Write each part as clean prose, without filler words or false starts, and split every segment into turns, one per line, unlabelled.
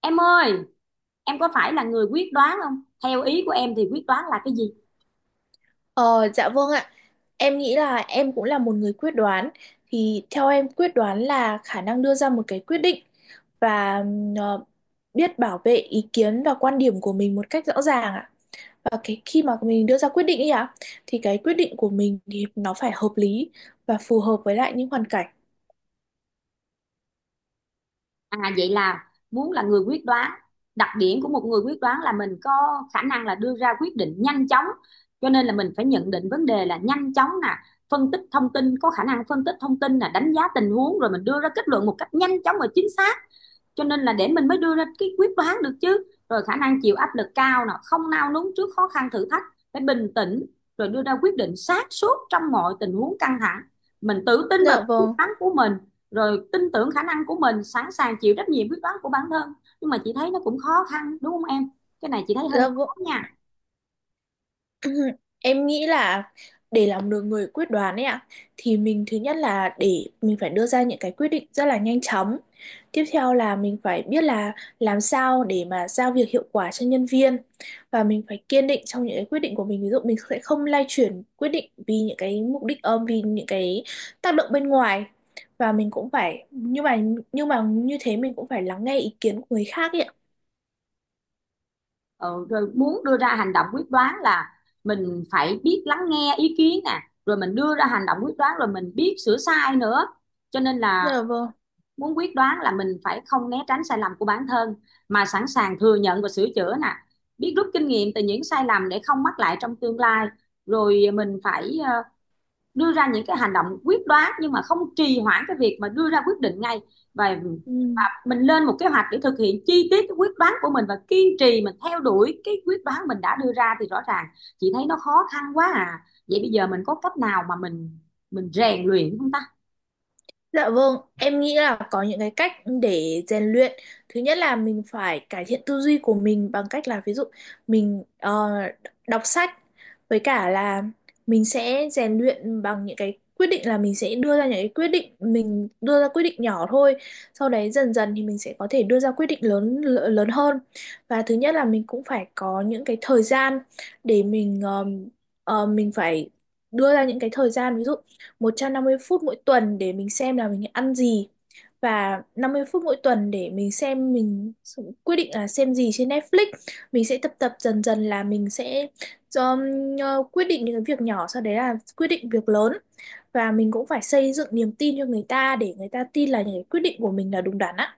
Em ơi, em có phải là người quyết đoán không? Theo ý của em thì quyết đoán là cái gì?
Ờ, dạ vâng ạ. Em nghĩ là em cũng là một người quyết đoán. Thì theo em quyết đoán là khả năng đưa ra một cái quyết định và biết bảo vệ ý kiến và quan điểm của mình một cách rõ ràng ạ. Và cái khi mà mình đưa ra quyết định ấy ạ, thì cái quyết định của mình thì nó phải hợp lý và phù hợp với lại những hoàn cảnh.
À vậy là muốn là người quyết đoán. Đặc điểm của một người quyết đoán là mình có khả năng là đưa ra quyết định nhanh chóng. Cho nên là mình phải nhận định vấn đề là nhanh chóng nè, phân tích thông tin, có khả năng phân tích thông tin nè, đánh giá tình huống rồi mình đưa ra kết luận một cách nhanh chóng và chính xác, cho nên là để mình mới đưa ra cái quyết đoán được chứ. Rồi khả năng chịu áp lực cao nè, không nao núng trước khó khăn thử thách, phải bình tĩnh rồi đưa ra quyết định sáng suốt trong mọi tình huống căng thẳng, mình tự tin vào
Dạ
quyết
vâng.
đoán của mình, rồi tin tưởng khả năng của mình, sẵn sàng chịu trách nhiệm quyết đoán của bản thân. Nhưng mà chị thấy nó cũng khó khăn đúng không em? Cái này chị thấy hơi
Dạ vâng.
khó nha.
Em nghĩ là để làm được người quyết đoán ấy ạ, thì mình thứ nhất là để mình phải đưa ra những cái quyết định rất là nhanh chóng. Tiếp theo là mình phải biết là làm sao để mà giao việc hiệu quả cho nhân viên, và mình phải kiên định trong những cái quyết định của mình. Ví dụ mình sẽ không lay chuyển quyết định vì những cái mục đích ôm, vì những cái tác động bên ngoài, và mình cũng phải nhưng mà như thế, mình cũng phải lắng nghe ý kiến của người khác ấy ạ.
Ừ, rồi muốn đưa ra hành động quyết đoán là mình phải biết lắng nghe ý kiến nè, rồi mình đưa ra hành động quyết đoán, rồi mình biết sửa sai nữa. Cho nên là
Dạ vâng.
muốn quyết đoán là mình phải không né tránh sai lầm của bản thân, mà sẵn sàng thừa nhận và sửa chữa nè, biết rút kinh nghiệm từ những sai lầm để không mắc lại trong tương lai. Rồi mình phải đưa ra những cái hành động quyết đoán nhưng mà không trì hoãn cái việc mà đưa ra quyết định ngay, và
Ừ.
mình lên một kế hoạch để thực hiện chi tiết cái quyết đoán của mình và kiên trì mình theo đuổi cái quyết đoán mình đã đưa ra, thì rõ ràng chị thấy nó khó khăn quá à. Vậy bây giờ mình có cách nào mà mình rèn luyện không ta?
Dạ vâng, em nghĩ là có những cái cách để rèn luyện. Thứ nhất là mình phải cải thiện tư duy của mình bằng cách là, ví dụ mình đọc sách, với cả là mình sẽ rèn luyện bằng những cái quyết định, là mình sẽ đưa ra những cái quyết định, mình đưa ra quyết định nhỏ thôi. Sau đấy dần dần thì mình sẽ có thể đưa ra quyết định lớn lớn hơn. Và thứ nhất là mình cũng phải có những cái thời gian để mình mình phải đưa ra những cái thời gian, ví dụ 150 phút mỗi tuần để mình xem là mình ăn gì, và 50 phút mỗi tuần để mình xem mình quyết định là xem gì trên Netflix. Mình sẽ tập tập dần dần là mình sẽ um, quyết định những cái việc nhỏ, sau đấy là quyết định việc lớn, và mình cũng phải xây dựng niềm tin cho người ta để người ta tin là những cái quyết định của mình là đúng đắn á.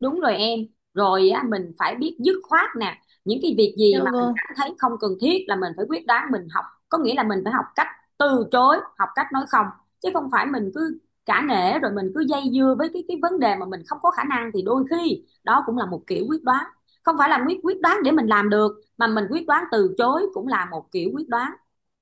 Đúng rồi em, rồi á, mình phải biết dứt khoát nè, những cái việc gì
Dạ
mà mình
vâng.
cảm thấy không cần thiết là mình phải quyết đoán, mình học, có nghĩa là mình phải học cách từ chối, học cách nói không, chứ không phải mình cứ cả nể rồi mình cứ dây dưa với cái vấn đề mà mình không có khả năng, thì đôi khi đó cũng là một kiểu quyết đoán, không phải là quyết quyết đoán để mình làm được, mà mình quyết đoán từ chối cũng là một kiểu quyết đoán.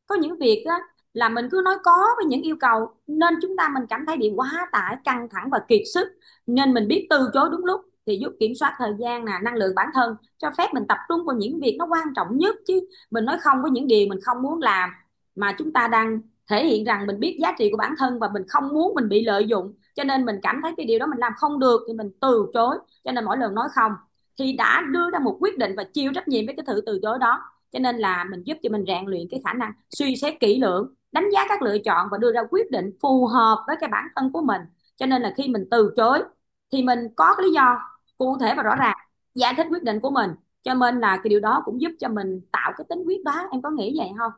Có những việc á là mình cứ nói có với những yêu cầu, nên chúng ta mình cảm thấy bị quá tải, căng thẳng và kiệt sức, nên mình biết từ chối đúng lúc thì giúp kiểm soát thời gian nè, năng lượng bản thân, cho phép mình tập trung vào những việc nó quan trọng nhất chứ. Mình nói không với những điều mình không muốn làm, mà chúng ta đang thể hiện rằng mình biết giá trị của bản thân và mình không muốn mình bị lợi dụng, cho nên mình cảm thấy cái điều đó mình làm không được thì mình từ chối. Cho nên mỗi lần nói không thì đã đưa ra một quyết định và chịu trách nhiệm với cái sự từ chối đó, cho nên là mình giúp cho mình rèn luyện cái khả năng suy xét kỹ lưỡng, đánh giá các lựa chọn và đưa ra quyết định phù hợp với cái bản thân của mình. Cho nên là khi mình từ chối thì mình có cái lý do cụ thể và rõ ràng giải thích quyết định của mình, cho nên là cái điều đó cũng giúp cho mình tạo cái tính quyết đoán, em có nghĩ vậy không?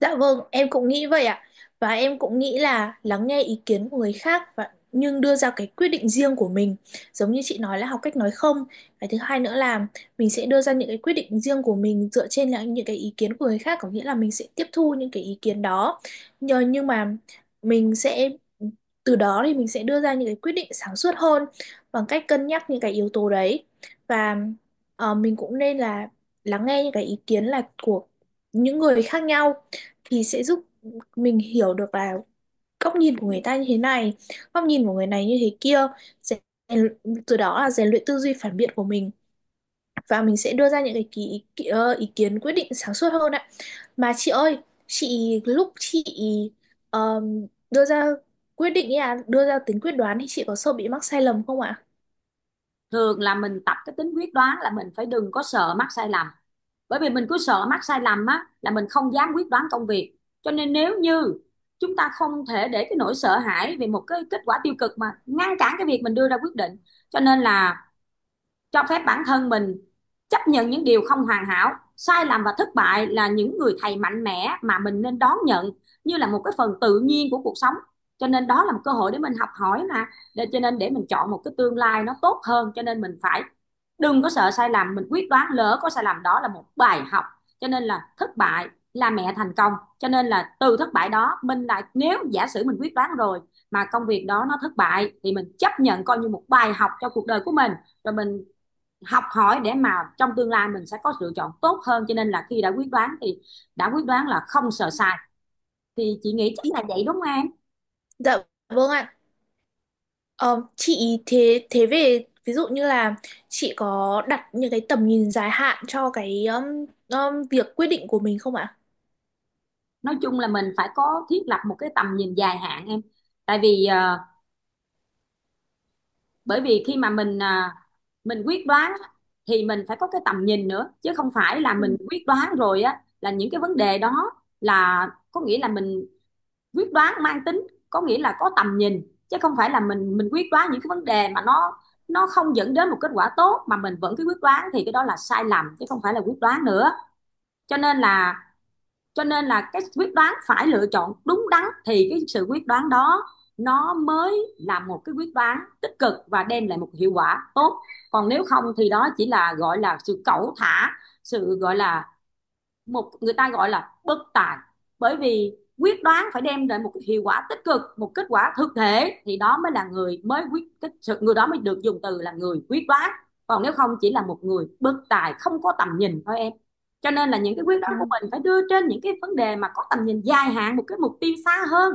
Dạ vâng, em cũng nghĩ vậy ạ. Và em cũng nghĩ là lắng nghe ý kiến của người khác và nhưng đưa ra cái quyết định riêng của mình. Giống như chị nói là học cách nói không. Cái thứ hai nữa là mình sẽ đưa ra những cái quyết định riêng của mình dựa trên là những cái ý kiến của người khác, có nghĩa là mình sẽ tiếp thu những cái ý kiến đó. Nhờ nhưng mà mình sẽ, từ đó thì mình sẽ đưa ra những cái quyết định sáng suốt hơn bằng cách cân nhắc những cái yếu tố đấy. Và mình cũng nên là lắng nghe những cái ý kiến là của những người khác nhau, thì sẽ giúp mình hiểu được là góc nhìn của người ta như thế này, góc nhìn của người này như thế kia, rèn, từ đó là rèn luyện tư duy phản biện của mình, và mình sẽ đưa ra những cái ý kiến quyết định sáng suốt hơn ạ. Mà chị ơi, chị lúc chị đưa ra quyết định ý à, đưa ra tính quyết đoán, thì chị có sợ bị mắc sai lầm không ạ?
Thường là mình tập cái tính quyết đoán là mình phải đừng có sợ mắc sai lầm, bởi vì mình cứ sợ mắc sai lầm á là mình không dám quyết đoán công việc. Cho nên nếu như chúng ta không thể để cái nỗi sợ hãi về một cái kết quả tiêu cực mà ngăn cản cái việc mình đưa ra quyết định, cho nên là cho phép bản thân mình chấp nhận những điều không hoàn hảo, sai lầm và thất bại là những người thầy mạnh mẽ mà mình nên đón nhận như là một cái phần tự nhiên của cuộc sống. Cho nên đó là một cơ hội để mình học hỏi, mà để cho nên để mình chọn một cái tương lai nó tốt hơn, cho nên mình phải đừng có sợ sai lầm, mình quyết đoán lỡ có sai lầm đó là một bài học, cho nên là thất bại là mẹ thành công. Cho nên là từ thất bại đó mình lại, nếu giả sử mình quyết đoán rồi mà công việc đó nó thất bại, thì mình chấp nhận coi như một bài học cho cuộc đời của mình, rồi mình học hỏi để mà trong tương lai mình sẽ có lựa chọn tốt hơn. Cho nên là khi đã quyết đoán thì đã quyết đoán là không sợ sai, thì chị nghĩ chắc là vậy đúng không em?
Dạ vâng ạ. Ờ, chị thế thế về ví dụ như là, chị có đặt những cái tầm nhìn dài hạn cho cái việc quyết định của mình không ạ?
Nói chung là mình phải có thiết lập một cái tầm nhìn dài hạn em, tại vì bởi vì khi mà mình, mình quyết đoán á, thì mình phải có cái tầm nhìn nữa, chứ không phải là mình
Ừ.
quyết đoán rồi á là những cái vấn đề đó, là có nghĩa là mình quyết đoán mang tính, có nghĩa là có tầm nhìn, chứ không phải là mình quyết đoán những cái vấn đề mà nó không dẫn đến một kết quả tốt mà mình vẫn cứ quyết đoán, thì cái đó là sai lầm chứ không phải là quyết đoán nữa. Cho nên là cho nên là cái quyết đoán phải lựa chọn đúng đắn thì cái sự quyết đoán đó nó mới là một cái quyết đoán tích cực và đem lại một hiệu quả tốt. Còn nếu không thì đó chỉ là gọi là sự cẩu thả, sự gọi là, một người ta gọi là bất tài, bởi vì quyết đoán phải đem lại một hiệu quả tích cực, một kết quả thực thể, thì đó mới là người mới quyết tích sự, người đó mới được dùng từ là người quyết đoán. Còn nếu không chỉ là một người bất tài không có tầm nhìn thôi em. Cho nên là những cái quyết đoán của
Ừ.
mình phải đưa trên những cái vấn đề mà có tầm nhìn dài hạn, một cái mục tiêu xa hơn,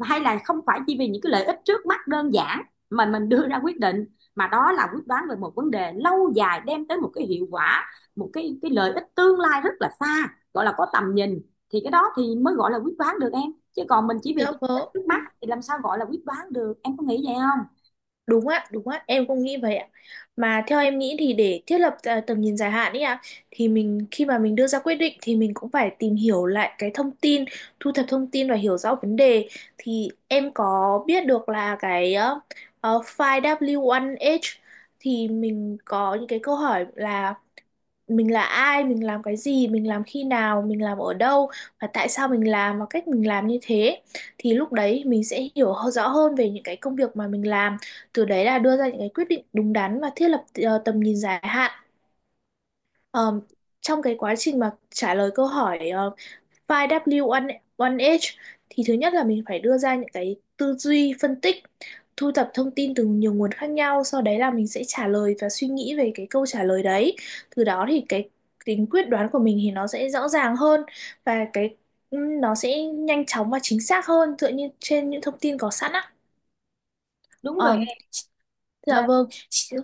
hay là không phải chỉ vì những cái lợi ích trước mắt đơn giản mà mình đưa ra quyết định, mà đó là quyết đoán về một vấn đề lâu dài, đem tới một cái hiệu quả, một cái lợi ích tương lai rất là xa, gọi là có tầm nhìn, thì cái đó thì mới gọi là quyết đoán được em, chứ còn mình chỉ vì
Dạ
cái lợi ích
vâng.
trước mắt thì làm sao gọi là quyết đoán được, em có nghĩ vậy không?
Đúng ạ, em cũng nghĩ vậy ạ. Mà theo em nghĩ thì để thiết lập à, tầm nhìn dài hạn ấy ạ, thì mình khi mà mình đưa ra quyết định thì mình cũng phải tìm hiểu lại cái thông tin, thu thập thông tin và hiểu rõ vấn đề. Thì em có biết được là cái 5W1H, thì mình có những cái câu hỏi là: mình là ai, mình làm cái gì, mình làm khi nào, mình làm ở đâu, và tại sao mình làm, và cách mình làm như thế, thì lúc đấy mình sẽ hiểu rõ hơn về những cái công việc mà mình làm, từ đấy là đưa ra những cái quyết định đúng đắn và thiết lập tầm nhìn dài hạn. Ờ, Trong cái quá trình mà trả lời câu hỏi 5W1H, thì thứ nhất là mình phải đưa ra những cái tư duy phân tích, thu thập thông tin từ nhiều nguồn khác nhau, sau đấy là mình sẽ trả lời và suy nghĩ về cái câu trả lời đấy. Từ đó thì cái tính quyết đoán của mình thì nó sẽ rõ ràng hơn, và cái nó sẽ nhanh chóng và chính xác hơn dựa như trên những thông tin có sẵn á.
Đúng
Ờ,
rồi em,
dạ vâng.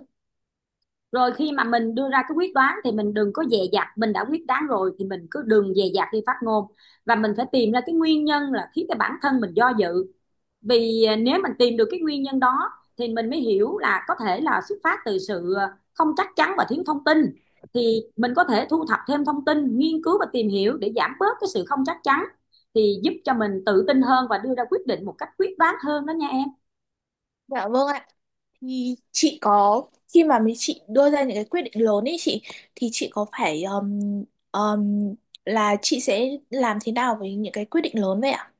rồi khi mà mình đưa ra cái quyết đoán thì mình đừng có dè dặt, mình đã quyết đoán rồi thì mình cứ đừng dè dặt khi phát ngôn, và mình phải tìm ra cái nguyên nhân là khiến cái bản thân mình do dự. Vì nếu mình tìm được cái nguyên nhân đó thì mình mới hiểu là có thể là xuất phát từ sự không chắc chắn và thiếu thông tin, thì mình có thể thu thập thêm thông tin, nghiên cứu và tìm hiểu để giảm bớt cái sự không chắc chắn, thì giúp cho mình tự tin hơn và đưa ra quyết định một cách quyết đoán hơn đó nha em.
Dạ vâng ạ. Thì chị có, khi mà mấy chị đưa ra những cái quyết định lớn ấy chị, thì chị có phải um, là chị sẽ làm thế nào với những cái quyết định lớn vậy ạ?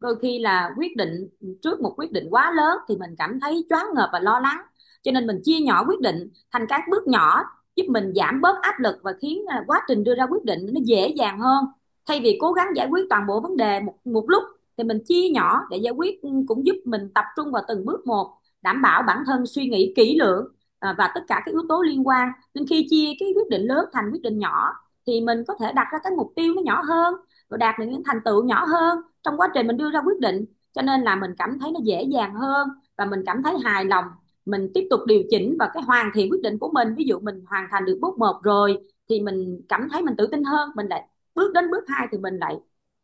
Đôi khi là quyết định, trước một quyết định quá lớn thì mình cảm thấy choáng ngợp và lo lắng, cho nên mình chia nhỏ quyết định thành các bước nhỏ, giúp mình giảm bớt áp lực và khiến quá trình đưa ra quyết định nó dễ dàng hơn. Thay vì cố gắng giải quyết toàn bộ vấn đề một một lúc, thì mình chia nhỏ để giải quyết, ừ, cũng giúp mình tập trung vào từng bước một, đảm bảo bản thân suy nghĩ kỹ lưỡng và tất cả các yếu tố liên quan. Nên khi chia cái quyết định lớn thành quyết định nhỏ thì mình có thể đặt ra cái mục tiêu nó nhỏ hơn và đạt được những thành tựu nhỏ hơn trong quá trình mình đưa ra quyết định, cho nên là mình cảm thấy nó dễ dàng hơn và mình cảm thấy hài lòng. Mình tiếp tục điều chỉnh và cái hoàn thiện quyết định của mình, ví dụ mình hoàn thành được bước một rồi thì mình cảm thấy mình tự tin hơn, mình lại bước đến bước hai thì mình lại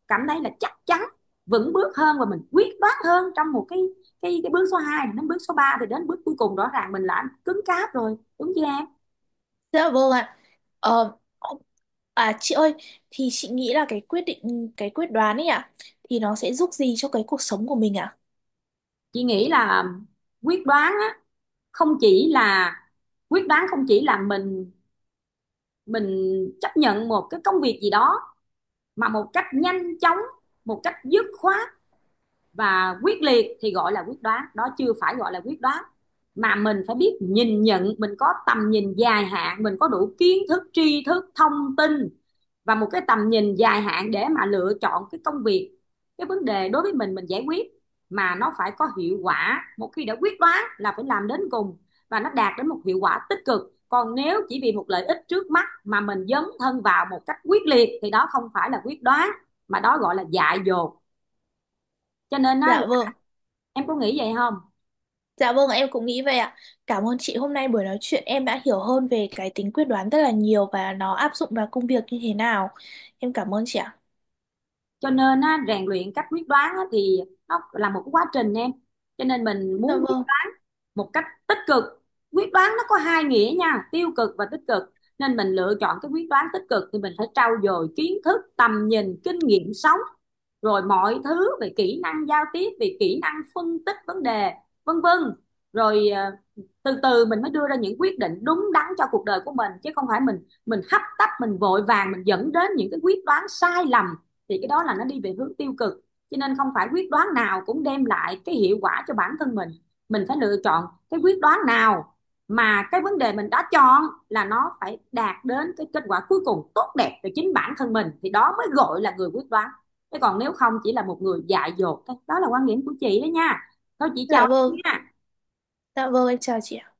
cảm thấy là chắc chắn, vững bước hơn và mình quyết đoán hơn trong một cái bước số 2 đến bước số ba, thì đến bước cuối cùng rõ ràng mình đã cứng cáp rồi, đúng chưa em?
Dạ vâng ạ. Ờ, À chị ơi, thì chị nghĩ là cái quyết định, cái quyết đoán ấy ạ, thì nó sẽ giúp gì cho cái cuộc sống của mình ạ?
Chị nghĩ là quyết đoán á, không chỉ là, quyết đoán không chỉ là mình chấp nhận một cái công việc gì đó mà một cách nhanh chóng, một cách dứt khoát và quyết liệt thì gọi là quyết đoán, đó chưa phải gọi là quyết đoán, mà mình phải biết nhìn nhận, mình có tầm nhìn dài hạn, mình có đủ kiến thức, tri thức, thông tin và một cái tầm nhìn dài hạn để mà lựa chọn cái công việc, cái vấn đề đối với mình giải quyết mà nó phải có hiệu quả, một khi đã quyết đoán là phải làm đến cùng và nó đạt đến một hiệu quả tích cực. Còn nếu chỉ vì một lợi ích trước mắt mà mình dấn thân vào một cách quyết liệt thì đó không phải là quyết đoán, mà đó gọi là dại dột. Cho nên á,
Dạ vâng.
em có nghĩ vậy không?
Dạ vâng, em cũng nghĩ vậy ạ. Cảm ơn chị, hôm nay buổi nói chuyện em đã hiểu hơn về cái tính quyết đoán rất là nhiều và nó áp dụng vào công việc như thế nào. Em cảm ơn chị ạ.
Cho nên á, rèn luyện cách quyết đoán á, thì nó là một cái quá trình em, cho nên mình
Dạ
muốn quyết
vâng.
một cách tích cực, quyết đoán nó có hai nghĩa nha, tiêu cực và tích cực, nên mình lựa chọn cái quyết đoán tích cực thì mình phải trau dồi kiến thức, tầm nhìn, kinh nghiệm sống, rồi mọi thứ về kỹ năng giao tiếp, về kỹ năng phân tích vấn đề, vân vân. Rồi từ từ mình mới đưa ra những quyết định đúng đắn cho cuộc đời của mình, chứ không phải mình hấp tấp, mình vội vàng, mình dẫn đến những cái quyết đoán sai lầm, thì cái đó là nó đi về hướng tiêu cực. Cho nên không phải quyết đoán nào cũng đem lại cái hiệu quả cho bản thân mình phải lựa chọn cái quyết đoán nào mà cái vấn đề mình đã chọn là nó phải đạt đến cái kết quả cuối cùng tốt đẹp cho chính bản thân mình, thì đó mới gọi là người quyết đoán, chứ còn nếu không chỉ là một người dại dột thôi. Đó là quan điểm của chị đó nha. Thôi chị
Dạ
chào em
vâng.
nha.
Dạ vâng, em chào chị ạ.